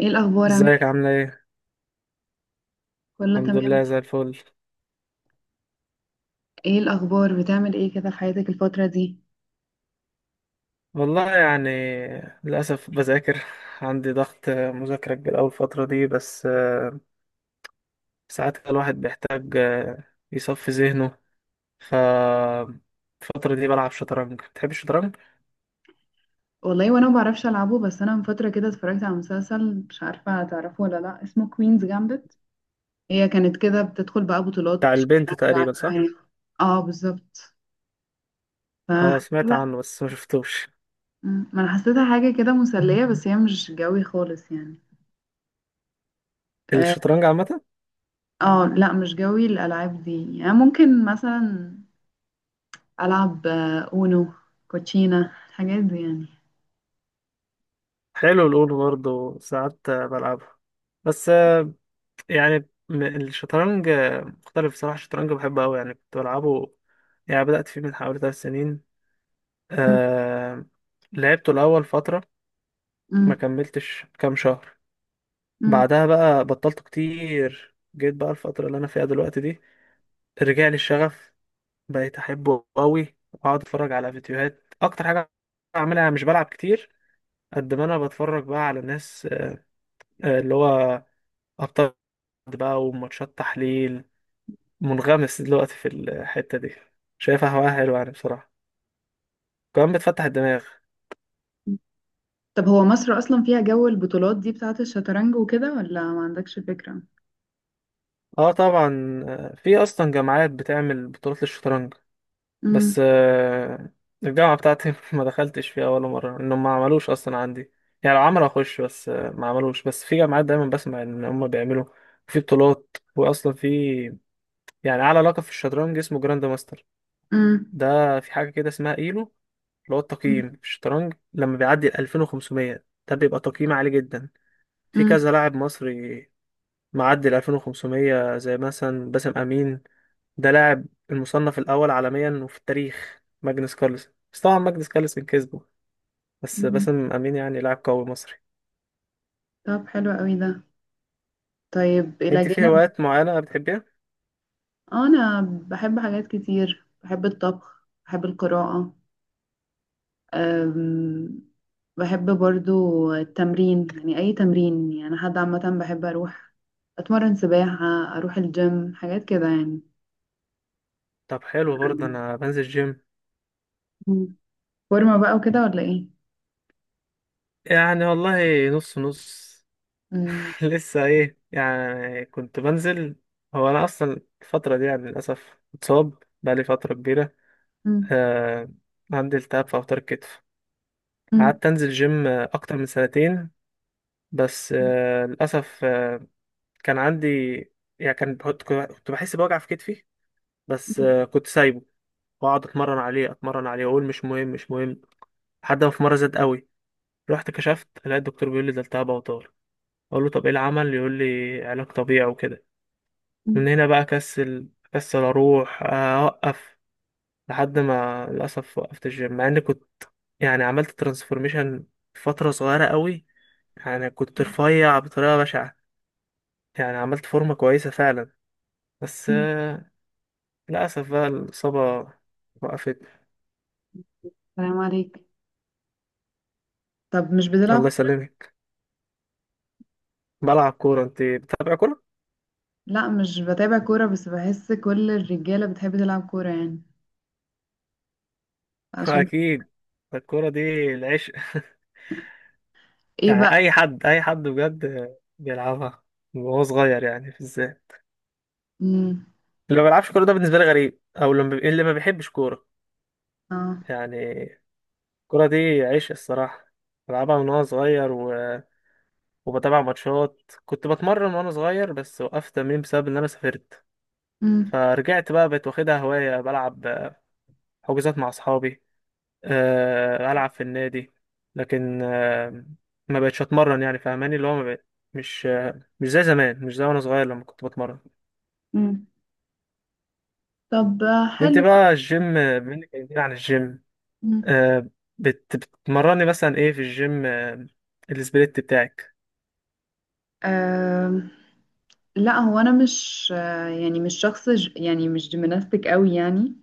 ايه الاخبار عامل ازيك ايه؟ عاملة ايه؟ كله الحمد تمام. لله زي الفل. ايه الاخبار، بتعمل ايه كده في حياتك الفتره دي؟ والله يعني للأسف بذاكر. عندي ضغط مذاكرة كبير أوي الفترة دي، بس ساعات كده الواحد بيحتاج يصفي ذهنه. ف الفترة دي بلعب شطرنج. بتحب الشطرنج؟ والله وانا ما بعرفش العبه، بس انا من فتره كده اتفرجت على مسلسل، مش عارفه هتعرفه ولا لا، اسمه كوينز جامبت. هي كانت كده بتدخل بقى بتاع بطولات البنت شطرنج تقريبا صح؟ عالمية. اه بالظبط. اه سمعت فحسيتها. عنه بس ما شفتوش. ما انا حسيتها حاجه كده مسليه، بس هي مش جوي خالص يعني. اه. الشطرنج عامة. لا مش جوي الالعاب دي يعني. ممكن مثلا العب اونو، كوتشينا، الحاجات دي يعني. حلو الأونو برضه ساعات بلعبه. بس يعني الشطرنج مختلف بصراحة. الشطرنج بحبه أوي، يعني كنت بلعبه. يعني بدأت فيه من حوالي 3 سنين. مم، آه... لعبته الأول فترة، ما مم، كملتش كام شهر. مم. بعدها بقى بطلته كتير. جيت بقى الفترة اللي أنا فيها دلوقتي دي، رجع لي الشغف، بقيت أحبه أوي وأقعد أتفرج على فيديوهات. أكتر حاجة بعملها مش بلعب كتير، قد ما أنا بتفرج بقى على ناس اللي هو أبطال بقى، وماتشات تحليل. منغمس دلوقتي في الحتة دي، شايفها هواية حلوة يعني بصراحة، كمان بتفتح الدماغ. طب هو مصر أصلا فيها جو البطولات دي بتاعة الشطرنج وكده، ولا ما عندكش فكرة؟ اه طبعا، في اصلا جامعات بتعمل بطولات للشطرنج. امم بس الجامعة بتاعتي ما دخلتش فيها ولا مرة، انهم ما عملوش اصلا عندي. يعني لو عملوا اخش، بس ما عملوش. بس في جامعات دايما بسمع ان هم بيعملوا في بطولات. واصلا في، يعني اعلى لقب في الشطرنج اسمه جراند ماستر. امم ده في حاجة كده اسمها ايلو، اللي هو التقييم في الشطرنج. لما بيعدي ال 2500، ده بيبقى تقييم عالي جدا. في امم كذا لاعب مصري معدي ال 2500، زي مثلا باسم امين. ده لاعب المصنف الاول عالميا، وفي التاريخ ماجنس كارلسن، بس طبعا ماجنس كارلسن كسبه، بس امم. باسم امين يعني لاعب قوي مصري. طب حلو قوي ده. طيب إلى انت في جانب، هوايات معينه بتحبيها؟ أنا بحب حاجات كتير، بحب الطبخ، بحب القراءة. أم... بحب برضو التمرين، يعني أي تمرين يعني، حد عامة بحب أروح أتمرن سباحة، أروح الجيم، حاجات كده يعني. طب حلو برضه انا بنزل جيم. مم. فورمة بقى وكده ولا إيه؟ يعني والله نص نص. مم. لسه ايه يعني، كنت بنزل. هو انا اصلا الفتره دي يعني للاسف متصاب، بقالي فتره كبيره. آه عندي التهاب في اوتار الكتف. مم. قعدت انزل جيم اكتر من سنتين، بس للاسف كان عندي يعني كان بحط، كنت بحس بوجع في كتفي، بس كنت سايبه واقعد اتمرن عليه اتمرن عليه، واقول مش مهم مش مهم. لحد ما في مره زاد قوي، رحت كشفت لقيت الدكتور بيقول لي ده التهاب اوتار. اقول له طب ايه العمل، يقول لي علاج طبيعي وكده. مم. من هنا بقى كسل كسل، اروح اوقف، لحد ما للاسف وقفت الجيم. مع اني كنت يعني عملت ترانسفورميشن فتره صغيره قوي، يعني كنت رفيع بطريقه بشعه، يعني عملت فورمة كويسة فعلا. بس مم. للأسف بقى الإصابة وقفت. سلام عليك. طب مش بتلعب الله كورة؟ يسلمك. بلعب كورة. أنت بتتابع كورة؟ لا مش بتابع كورة، بس بحس كل الرجالة بتحب تلعب كورة يعني، عشان كده. أكيد. الكورة دي العشق. ايه يعني بقى. أي حد أي حد بجد بيلعبها وهو صغير، يعني في ازاي مم. اللي ما بيلعبش كورة؟ ده بالنسبة لي غريب، أو اللي ما اللي ما بيحبش كورة. اه. يعني الكورة دي عشق الصراحة. بلعبها من وأنا صغير، و... وبتابع ماتشات. كنت بتمرن وأنا صغير بس وقفت تمرين بسبب إن أنا سافرت. مم. فرجعت بقى، بقيت واخدها هواية، بلعب حجوزات مع أصحابي، ألعب في النادي، لكن ما بقتش أتمرن. يعني فاهماني اللي هو ما بقيت مش زي زمان، مش زي وأنا صغير لما كنت بتمرن. مم. طب أنت حلو. بقى الجيم، بما إنك كلمتني عن الجيم، مم. آه، بتمرني مثلا إيه في الجيم؟ السبليت بتاعك. آه. لا هو انا مش آه، يعني مش شخص يعني مش جيمناستيك قوي يعني.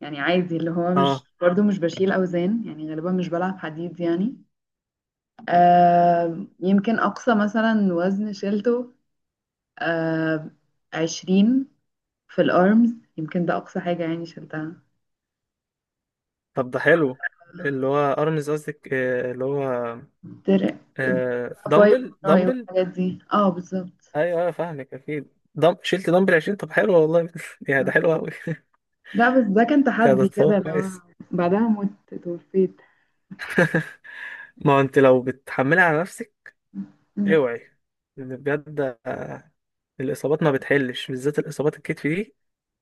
يعني عادي اللي هو مش أه برضو مش بشيل اوزان يعني، غالبا مش بلعب حديد يعني. آه. يمكن اقصى مثلا وزن شيلته آه. 20 في الارمز، يمكن ده اقصى حاجة يعني شلتها. طب ده حلو. اللي هو أرمز قصدك، اللي هو درع. درع بقى، باي دمبل وراي دمبل. والحاجات دي. اه بالظبط. ايوه ايوه فاهمك اكيد. شلت دمبل 20. طب حلو والله. يا آه. ده حلو قوي. لا بس ده كان يا ده تحدي تصور كده. لو كويس. بعدها مت توفيت. ما هو انت لو بتحملها على نفسك، مم. اوعي. لأن بجد الاصابات ما بتحلش، بالذات الاصابات الكتف دي.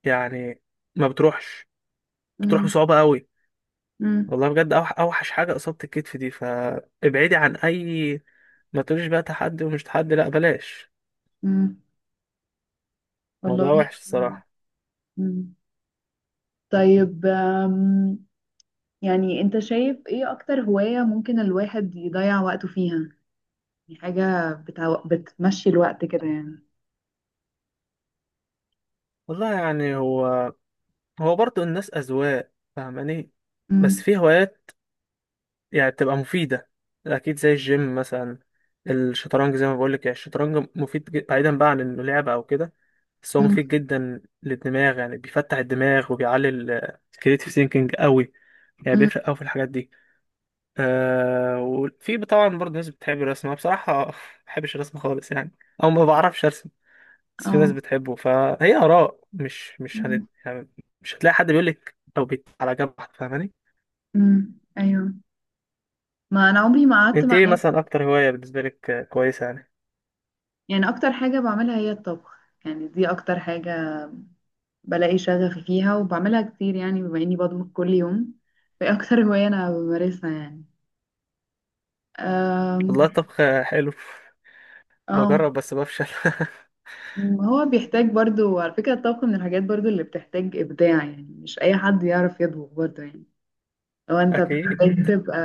يعني ما بتروحش، بتروح مم. بصعوبه قوي. مم. والله بجد اوحش حاجه اصابه الكتف دي. فابعدي عن اي، ما تقوليش بقى تحدي ومش تحدي، لا بلاش. مم. الموضوع والله. وحش مم. الصراحه. مم. طيب يعني انت شايف ايه اكتر هواية ممكن الواحد يضيع وقته فيها؟ يعني حاجة بتمشي الوقت كده يعني. والله يعني، هو برضه الناس اذواق، فاهماني. بس مم. في هوايات يعني بتبقى مفيدة أكيد، زي الجيم مثلا. الشطرنج زي ما بقولك، يعني الشطرنج مفيد، بعيدا بقى عن إنه لعبة أو كده، بس هو مم. مفيد جدا للدماغ. يعني بيفتح الدماغ وبيعلي الكريتيف ثينكينج قوي. يعني مم. بيفرق قوي في الحاجات دي. آه وفي طبعا برضه ناس بتحب الرسم. أنا بصراحة ما بحبش الرسم خالص يعني، أو ما بعرفش أرسم. بس في ناس اه. بتحبه، فهي آراء. مش مش هنت... مم. يعني مش هتلاقي حد بيقولك أو بيت على جنب واحد، فاهماني. مم. ايوه. ما انا عمري ما قعدت أنت مع إيه ناس. مثلا أكتر هواية بالنسبة لك كويسة يعني؟ يعني اكتر حاجة بعملها هي الطبخ. يعني دي اكتر حاجة بلاقي شغف فيها وبعملها كتير، يعني بما اني بطبخ كل يوم في اكتر هواية انا بمارسها يعني. أم، والله الطبخ حلو، اه. بجرب بس بفشل. هو بيحتاج برضو على فكرة، الطبخ من الحاجات برضو اللي بتحتاج إبداع، يعني مش أي حد يعرف يطبخ برضو يعني. لو أنت اكيد. بتحتاج تبقى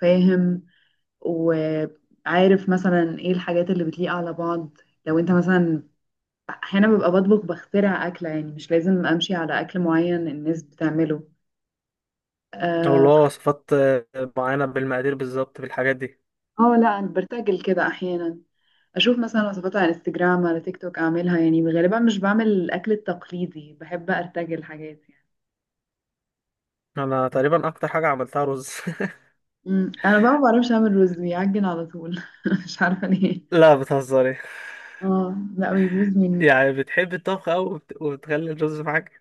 فاهم وعارف مثلا إيه الحاجات اللي بتليق على بعض. لو أنت مثلا احيانا ببقى بطبخ بخترع اكله، يعني مش لازم امشي على اكل معين الناس بتعمله. او اللي اه. هو وصفات معينه بالمقادير بالظبط، بالحاجات دي. لا أنا برتجل كده احيانا، اشوف مثلا وصفات على انستجرام على تيك توك اعملها، يعني غالبا مش بعمل الاكل التقليدي، بحب ارتجل حاجات يعني. انا تقريبا اكتر حاجه عملتها رز. امم. انا بقى ما بعرفش اعمل رز، بيعجن على طول مش عارفه ليه. لا بتهزري. اه لا بيبوظ مني. يعني بتحبي الطبخ أوي، وبتخلي الرز معاك.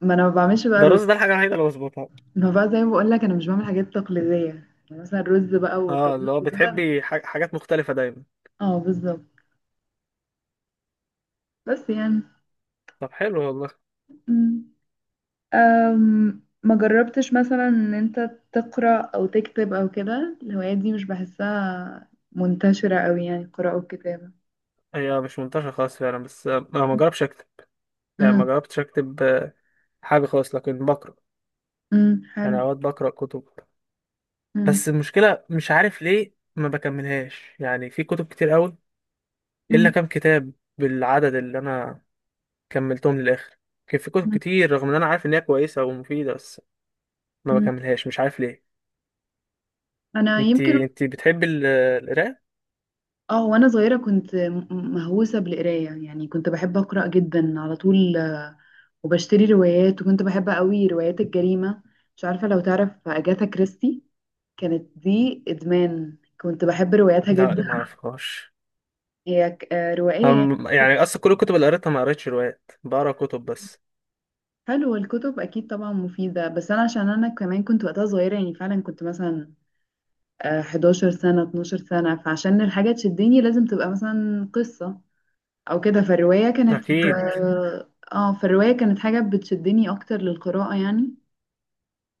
ما انا ما بعملش بقى ده رز. الرز ده الحاجه الوحيده اللي بظبطها. ما بقى زي ما بقول لك انا مش بعمل حاجات تقليديه، يعني مثلا الرز بقى اه اللي والطبيخ هو وكده. بتحبي حاجات مختلفه دايما. اه بالظبط. بس يعني. طب حلو والله. مم. أم، ما جربتش مثلا ان انت تقرأ او تكتب او كده؟ الهوايات دي مش بحسها منتشرة قوي يعني، القراءة والكتابة. هي مش منتشره خالص فعلا، بس انا ما جربتش اكتب. يعني ما امم. جربتش اكتب حاجه خالص، لكن بقرا. حلو. يعني اوقات بقرا كتب، بس امم المشكلة مش عارف ليه ما بكملهاش. يعني في كتب كتير قوي، إلا امم كام كتاب بالعدد اللي أنا كملتهم للآخر. كان في كتب امم كتير رغم إن أنا عارف إن هي كويسة ومفيدة، بس ما امم. بكملهاش مش عارف ليه. انا يمكن. انتي بتحبي القراءة؟ اه وانا صغيرة كنت مهووسة بالقراية، يعني كنت بحب أقرأ جدا على طول، وبشتري روايات، وكنت بحب قوي روايات الجريمة. مش عارفة لو تعرف أجاثا كريستي، كانت دي إدمان، كنت بحب رواياتها لا جدا. ما أعرفهاش. هي روائية يعني. يعني أصلا كل الكتب اللي قريتها ما قريتش روايات، بقرا كتب بس. حلو. الكتب اكيد طبعا مفيده، بس انا عشان انا كمان كنت وقتها صغيره، يعني فعلا كنت مثلا 11 سنه، 12 سنه، فعشان الحاجه تشدني لازم تبقى مثلا قصه او كده. فالروايه كانت أكيد. فالروايه كانت حاجه بتشدني اكتر للقراءه يعني.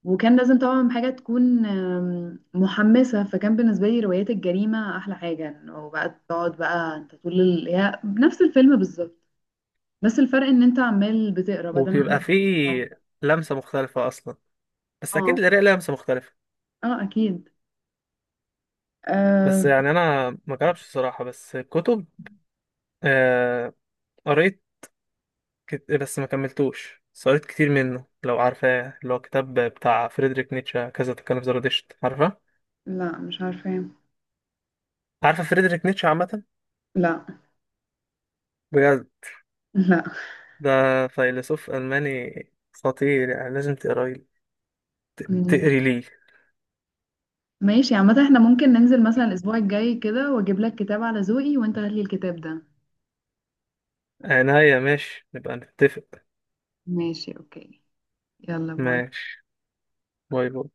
وكان لازم طبعا حاجه تكون محمسه، فكان بالنسبه لي روايات الجريمه احلى حاجه. انه بقى تقعد بقى انت طول هي نفس الفيلم بالظبط، بس الفرق ان انت عمال بتقرا بدل وبيبقى ما في انت. لمسة مختلفة أصلا، بس أكيد اه. القراءة لها لمسة مختلفة. اه اكيد. بس أه. يعني أنا ما جربتش الصراحة، بس الكتب آه، قريت بس ما كملتوش. بس قريت كتير منه، لو عارفاه، اللي هو كتاب بتاع فريدريك نيتشه، كذا تكلم في زرادشت. عارفه؟ لا مش عارفة. عارفه فريدريك نيتشه عامه؟ لا. بجد؟ لا ده فيلسوف ألماني خطير، يعني لازم تقري، مم. تقري ليه. ماشي، عامة احنا ممكن ننزل مثلا الأسبوع الجاي كده، وأجيب لك كتاب على ذوقي وأنت هات لي الكتاب ده. عناية ماشي، نبقى نتفق. ماشي أوكي. يلا باي. ماشي. باي باي.